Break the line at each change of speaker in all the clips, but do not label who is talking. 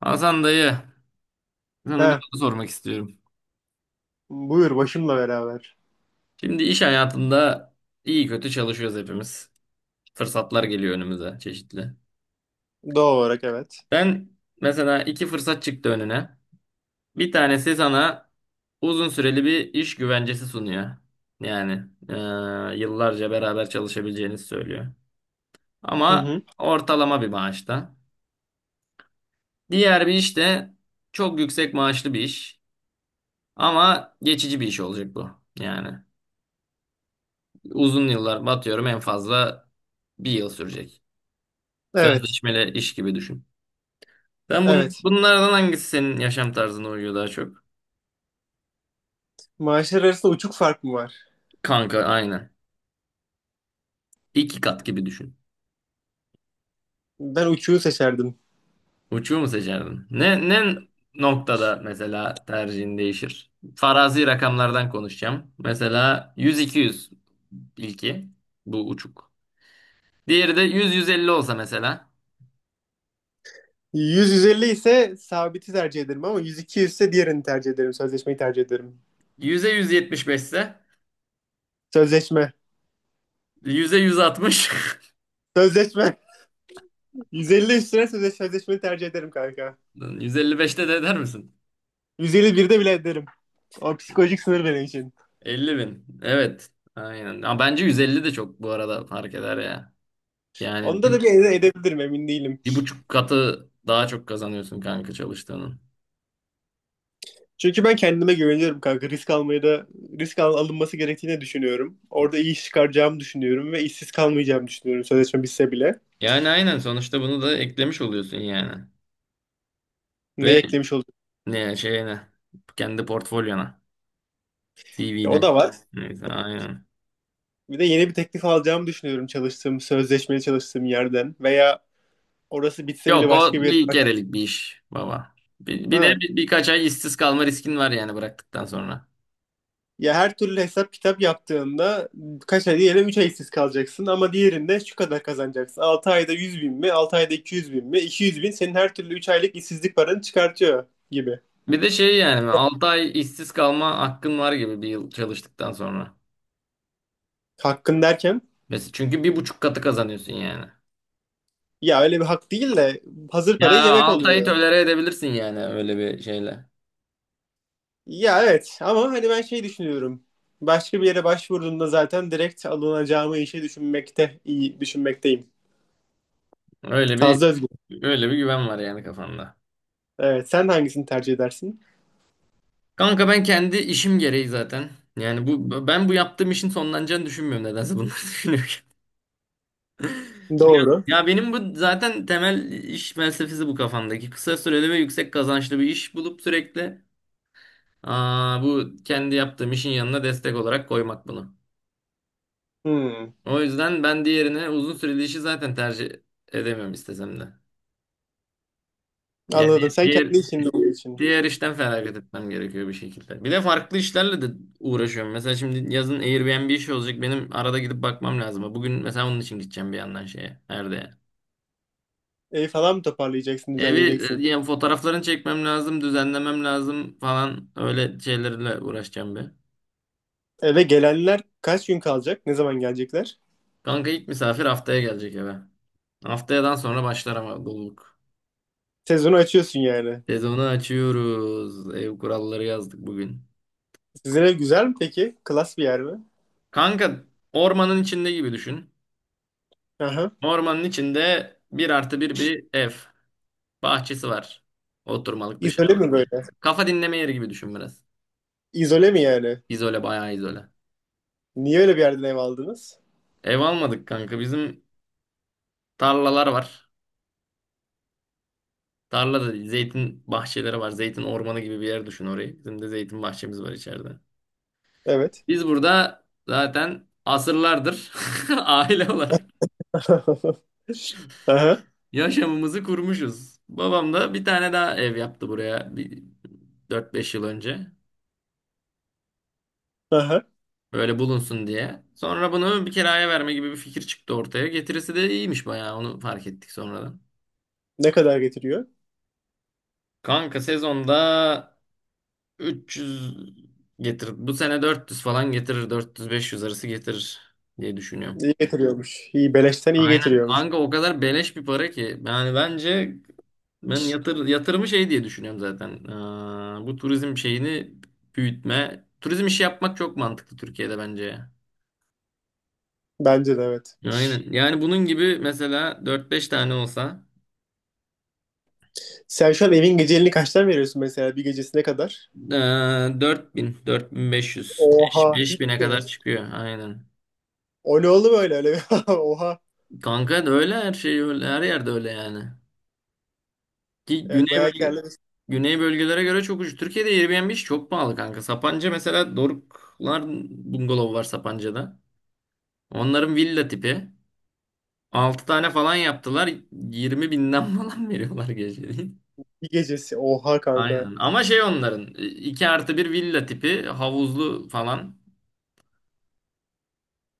Hasan dayı, sana bir
He,
soru sormak istiyorum.
buyur başımla beraber.
Şimdi iş hayatında iyi kötü çalışıyoruz hepimiz. Fırsatlar geliyor önümüze çeşitli.
Doğal olarak evet.
Ben mesela iki fırsat çıktı önüne. Bir tanesi sana uzun süreli bir iş güvencesi sunuyor. Yani yıllarca beraber çalışabileceğinizi söylüyor.
Hı
Ama
hı.
ortalama bir maaşta. Diğer bir iş de çok yüksek maaşlı bir iş. Ama geçici bir iş olacak bu. Yani. Uzun yıllar batıyorum en fazla bir yıl sürecek.
Evet.
Sözleşmeli iş gibi düşün. Ben bun
Evet.
bunlardan hangisi senin yaşam tarzına uyuyor daha çok?
Maaşlar arasında uçuk fark mı var?
Kanka aynen. İki kat gibi düşün.
Ben uçuğu seçerdim.
Uçuyor mu seçerdin? Ne noktada mesela tercihin değişir? Farazi rakamlardan konuşacağım. Mesela 100-200 ilki. Bu uçuk. Diğeri de 100-150 olsa mesela.
150 ise sabiti tercih ederim, ama 100-200 ise diğerini tercih ederim. Sözleşmeyi tercih ederim.
100'e 175 ise
Sözleşme.
100'e 160.
Sözleşme. 150 üstüne sözleşmeyi tercih ederim kanka.
155'te de eder misin?
151'de bile ederim. O psikolojik sınır benim için.
50 bin. Evet. Aynen. Ama bence 150 de çok bu arada fark eder ya. Yani
Onda da bir edebilirim, emin değilim.
bir buçuk katı daha çok kazanıyorsun kanka çalıştığının.
Çünkü ben kendime güveniyorum kanka. Risk almaya da alınması gerektiğini düşünüyorum. Orada iyi iş çıkaracağımı düşünüyorum ve işsiz kalmayacağımı düşünüyorum, sözleşme bitse bile.
Yani aynen sonuçta bunu da eklemiş oluyorsun yani.
Ne
Ve
eklemiş olduk?
ne şeyine kendi portfolyona
Ya, o
CV'ne.
da var.
Neyse aynen.
Bir de yeni bir teklif alacağımı düşünüyorum çalıştığım, sözleşmeli çalıştığım yerden veya orası bitse bile
Yok
başka
o
bir yer.
bir kerelik bir iş baba. Bir, bir de
Ha.
bir- birkaç ay işsiz kalma riskin var yani bıraktıktan sonra.
Ya her türlü hesap kitap yaptığında, kaç ay diyelim, 3 ay işsiz kalacaksın, ama diğerinde şu kadar kazanacaksın. 6 ayda 100.000 mi? 6 ayda 200.000 mi? 200.000 senin her türlü 3 aylık işsizlik paranı çıkartıyor gibi.
Bir de şey yani 6 ay işsiz kalma hakkın var gibi bir yıl çalıştıktan sonra.
Hakkın derken?
Mesela çünkü bir buçuk katı kazanıyorsun yani.
Ya, öyle bir hak değil de hazır
Ya
parayı yemek
Altay'ı
oluyor.
tolere edebilirsin yani öyle bir şeyle.
Ya evet, ama hani ben şey düşünüyorum. Başka bir yere başvurduğumda zaten direkt alınacağımı işe düşünmekte, iyi düşünmekteyim.
Öyle bir
Fazla özgür.
öyle bir güven var yani kafanda.
Evet, sen hangisini tercih edersin?
Kanka ben kendi işim gereği zaten. Yani bu ben bu yaptığım işin sonlanacağını düşünmüyorum nedense bunları düşünürken.
Doğru.
Ya benim bu zaten temel iş felsefesi bu kafamdaki. Kısa süreli ve yüksek kazançlı bir iş bulup sürekli bu kendi yaptığım işin yanına destek olarak koymak bunu.
Hmm,
O yüzden ben diğerine uzun süreli işi zaten tercih edemem istesem de. Yani
anladım. Sen
diğer
kendi işin olduğu için.
diğer işten feragat etmem gerekiyor bir şekilde. Bir de farklı işlerle de uğraşıyorum. Mesela şimdi yazın Airbnb işi olacak. Benim arada gidip bakmam lazım. Bugün mesela onun için gideceğim bir yandan şeye. Nerede?
Evi falan mı toparlayacaksın,
Evi
düzenleyeceksin?
yani fotoğraflarını çekmem lazım, düzenlemem lazım falan öyle şeylerle uğraşacağım bir.
Eve gelenler kaç gün kalacak? Ne zaman gelecekler?
Kanka ilk misafir haftaya gelecek eve. Haftayadan sonra başlar ama doluluk.
Sezonu açıyorsun yani.
Sezonu açıyoruz. Ev kuralları yazdık bugün.
Sizin ev güzel mi peki? Klas bir yer mi?
Kanka ormanın içinde gibi düşün.
Aha.
Ormanın içinde bir artı bir bir ev. Bahçesi var. Oturmalık
İzole
dışarıda.
mi böyle?
Kafa dinleme yeri gibi düşün biraz.
İzole mi yani?
İzole bayağı izole.
Niye öyle bir yerden ev aldınız?
Ev almadık kanka. Bizim tarlalar var. Tarlada zeytin bahçeleri var. Zeytin ormanı gibi bir yer düşün orayı. Bizim de zeytin bahçemiz var içeride.
Evet.
Biz burada zaten asırlardır aile olarak
Aha,
yaşamımızı kurmuşuz. Babam da bir tane daha ev yaptı buraya bir 4-5 yıl önce.
aha.
Böyle bulunsun diye. Sonra bunu bir kiraya verme gibi bir fikir çıktı ortaya. Getirisi de iyiymiş bayağı onu fark ettik sonradan.
Ne kadar getiriyor?
Kanka sezonda 300 getirir. Bu sene 400 falan getirir. 400-500 arası getirir diye düşünüyorum.
İyi getiriyormuş. İyi, beleşten iyi
Aynen
getiriyormuş.
kanka o kadar beleş bir para ki. Yani bence ben yatırımı şey diye düşünüyorum zaten. Bu turizm şeyini büyütme. Turizm işi yapmak çok mantıklı Türkiye'de bence ya.
Bence de evet.
Aynen. Yani bunun gibi mesela 4-5 tane olsa
Sen şu an evin geceliğini kaçtan veriyorsun, mesela bir gecesi ne kadar?
Ee, 4000, 4500,
Oha.
5
Hiç
bin'e
mi?
kadar çıkıyor aynen.
O ne oldu böyle Oha.
Kanka da öyle her şey öyle her yerde öyle yani. Ki
Evet,
güney
bayağı
bölge
kârlı bir
güney bölgelere göre çok ucuz. Türkiye'de Airbnb iş çok pahalı kanka. Sapanca mesela Doruklar bungalov var Sapanca'da. Onların villa tipi. 6 tane falan yaptılar. 20 binden falan veriyorlar geceliğin.
bir gecesi. Oha kanka.
Aynen. Ama şey onların 2 artı bir villa tipi havuzlu falan.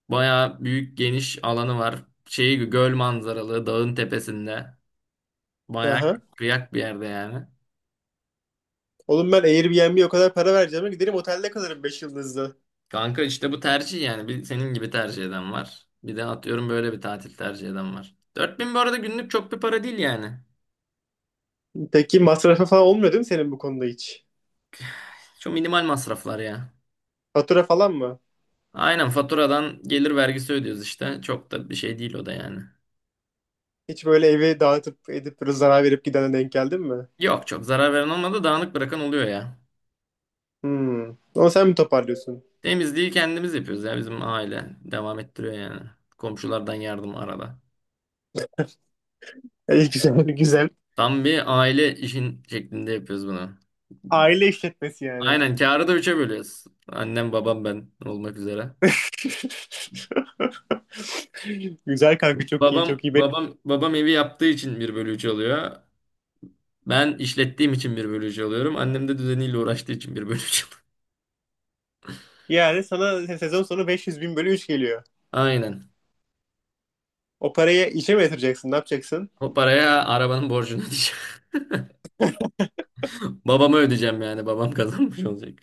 Bayağı büyük geniş alanı var. Şeyi göl manzaralı dağın tepesinde. Bayağı
Aha.
kıyak bir yerde yani.
Oğlum, ben Airbnb'ye o kadar para vereceğime giderim otelde kalırım 5 yıldızlı.
Kanka işte bu tercih yani. Bir senin gibi tercih eden var. Bir de atıyorum böyle bir tatil tercih eden var. Dört bin bu arada günlük çok bir para değil yani.
Peki masrafı falan olmuyor değil mi senin bu konuda hiç?
Çok minimal masraflar ya.
Fatura falan mı?
Aynen faturadan gelir vergisi ödüyoruz işte. Çok da bir şey değil o da yani.
Hiç böyle evi dağıtıp edip böyle zarar verip gidene denk geldin mi?
Yok çok zarar veren olmadı, dağınık bırakan oluyor ya.
Hmm. Ama sen mi toparlıyorsun?
Temizliği kendimiz yapıyoruz ya, bizim aile. Devam ettiriyor yani. Komşulardan yardım arada.
İyi güzel, güzel.
Tam bir aile işin şeklinde yapıyoruz bunu.
Aile işletmesi yani.
Aynen kârı da üçe bölüyoruz. Annem, babam, ben olmak üzere.
Güzel kanka, çok iyi
Babam
çok iyi.
babam babam evi yaptığı için bir bölü üç oluyor. Ben işlettiğim için bir bölü üç alıyorum. Annem de düzeniyle uğraştığı için bir bölü üç alıyor.
Yani sana sezon sonu 500 bin bölü 3 geliyor.
Aynen.
O parayı işe mi yatıracaksın? Ne yapacaksın?
O paraya arabanın borcunu ödeyeceğim. Babama ödeyeceğim yani. Babam kazanmış olacak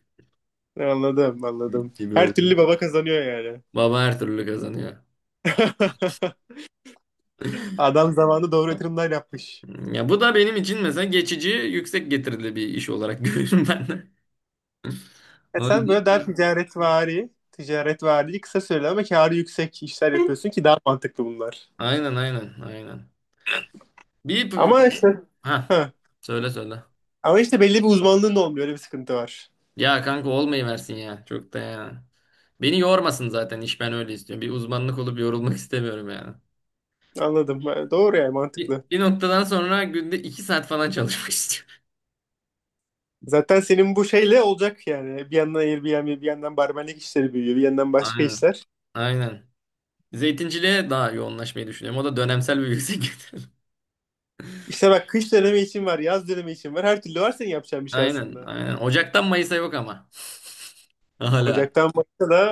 Anladım, anladım.
gibi
Her
oluyor.
türlü baba kazanıyor yani.
Baba her türlü kazanıyor.
Adam zamanında doğru yatırımlar yapmış.
Ya bu da benim için mesela geçici yüksek getirili bir iş olarak görüyorum ben de.
Ya
O
sen böyle daha
yüzden
ticaretvari, kısa süreli ama kârı yüksek işler
de.
yapıyorsun ki daha mantıklı bunlar.
Aynen, aynen, aynen. Bir,
Ama işte
ha,
ha,
söyle söyle.
ama işte belli bir uzmanlığın da olmuyor. Öyle bir sıkıntı var.
Ya kanka olmayı versin ya. Çok da ya. Beni yormasın zaten iş, ben öyle istiyorum. Bir uzmanlık olup yorulmak istemiyorum yani.
Anladım. Ha, doğru yani,
Bir,
mantıklı.
bir noktadan sonra günde iki saat falan çalışmak istiyorum.
Zaten senin bu şeyle olacak yani. Bir yandan Airbnb, bir yandan barmenlik işleri büyüyor, bir yandan başka
Aynen.
işler.
Aynen. Zeytinciliğe daha yoğunlaşmayı düşünüyorum. O da dönemsel bir yüksek gelir.
İşte bak, kış dönemi için var, yaz dönemi için var. Her türlü var senin yapacağın bir şey
Aynen.
aslında.
Aynen. Ocaktan Mayıs'a yok ama. Hala.
Ocaktan başka da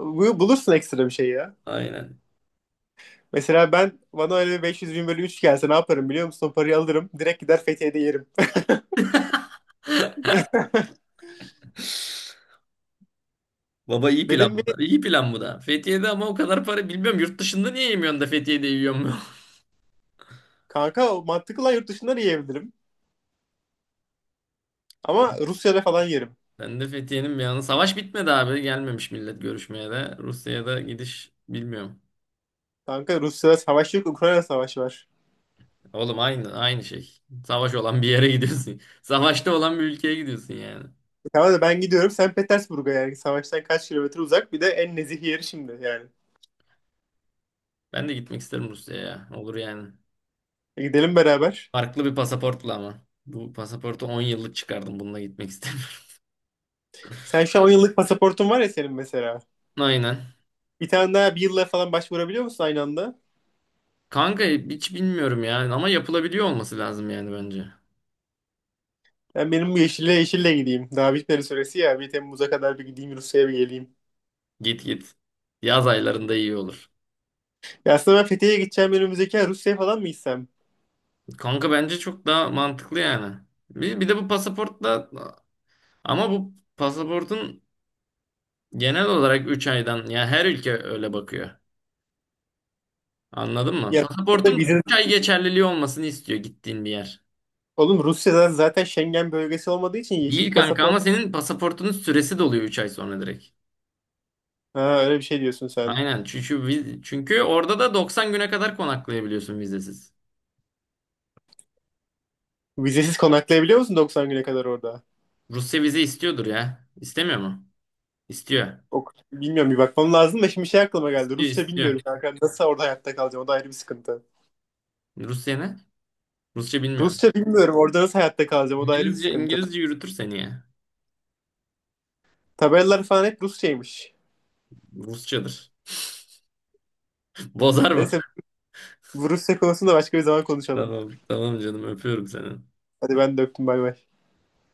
bulursun ekstra bir şey ya.
Aynen.
Mesela ben, bana öyle bir 500 bin bölü 3 gelse ne yaparım biliyor musun? O parayı alırım. Direkt gider Fethiye'de yerim.
Baba iyi plan
Benim bir
bu da. İyi plan bu da. Fethiye'de ama o kadar para bilmiyorum. Yurt dışında niye yemiyorsun da Fethiye'de yiyor mu?
kanka o mantıklı lan, yurt dışından yiyebilirim. Ama Rusya'da falan yerim.
Ben de Fethiye'nin bir yanı. Savaş bitmedi abi. Gelmemiş millet görüşmeye de. Rusya'da gidiş bilmiyorum.
Kanka, Rusya'da savaş yok. Ukrayna savaşı var.
Oğlum aynı şey. Savaş olan bir yere gidiyorsun. Savaşta olan bir ülkeye gidiyorsun yani.
E tamam da, ben gidiyorum. Sen Petersburg'a yani. Savaştan kaç kilometre uzak? Bir de en nezih yeri şimdi yani.
Ben de gitmek isterim Rusya'ya. Olur yani.
E, gidelim beraber.
Farklı bir pasaportla ama. Bu pasaportu 10 yıllık çıkardım. Bununla gitmek istemiyorum.
Sen şu an 10 yıllık pasaportun var ya senin mesela.
Aynen.
Bir tane daha bir yılla falan başvurabiliyor musun aynı anda?
Kanka hiç bilmiyorum yani ama yapılabiliyor olması lazım yani bence.
Benim bu yeşille gideyim. Daha bitmedi süresi ya. Bir Temmuz'a kadar bir gideyim Rusya'ya, bir geleyim.
Git git. Yaz aylarında iyi olur.
Ya aslında ben Fethiye'ye gideceğim önümüzdeki ay, Rusya'ya falan mı gitsem?
Kanka bence çok daha mantıklı yani. Bir de bu pasaportla, ama bu pasaportun genel olarak 3 aydan ya, her ülke öyle bakıyor. Anladın mı?
Ya Rusya'da
Pasaportun
vize...
3 ay geçerliliği olmasını istiyor gittiğin bir yer.
Oğlum, Rusya'da zaten Schengen bölgesi olmadığı için
Değil
yeşil
kanka,
pasaport.
ama senin pasaportunun süresi doluyor 3 ay sonra direkt.
Ha, öyle bir şey diyorsun sen.
Aynen çünkü orada da 90 güne kadar konaklayabiliyorsun vizesiz.
Vizesiz konaklayabiliyor musun 90 güne kadar orada?
Rusya vize istiyordur ya. İstemiyor mu? İstiyor.
Ok, bilmiyorum, bir bakmam lazım da şimdi şey aklıma geldi.
İstiyor,
Rusça
istiyor.
bilmiyorum kanka. Nasıl orada hayatta kalacağım? O da ayrı bir sıkıntı.
Rusya ne? Rusça bilmiyorum.
Rusça bilmiyorum. Orada nasıl hayatta kalacağım? O da ayrı bir
İngilizce
sıkıntı.
İngilizce yürütür seni ya.
Tabelalar falan hep Rusçaymış.
Rusçadır. Bozar mı?
Neyse, bu Rusya konusunda başka bir zaman konuşalım.
Tamam, tamam canım, öpüyorum seni.
Hadi, ben de öptüm, bay bay.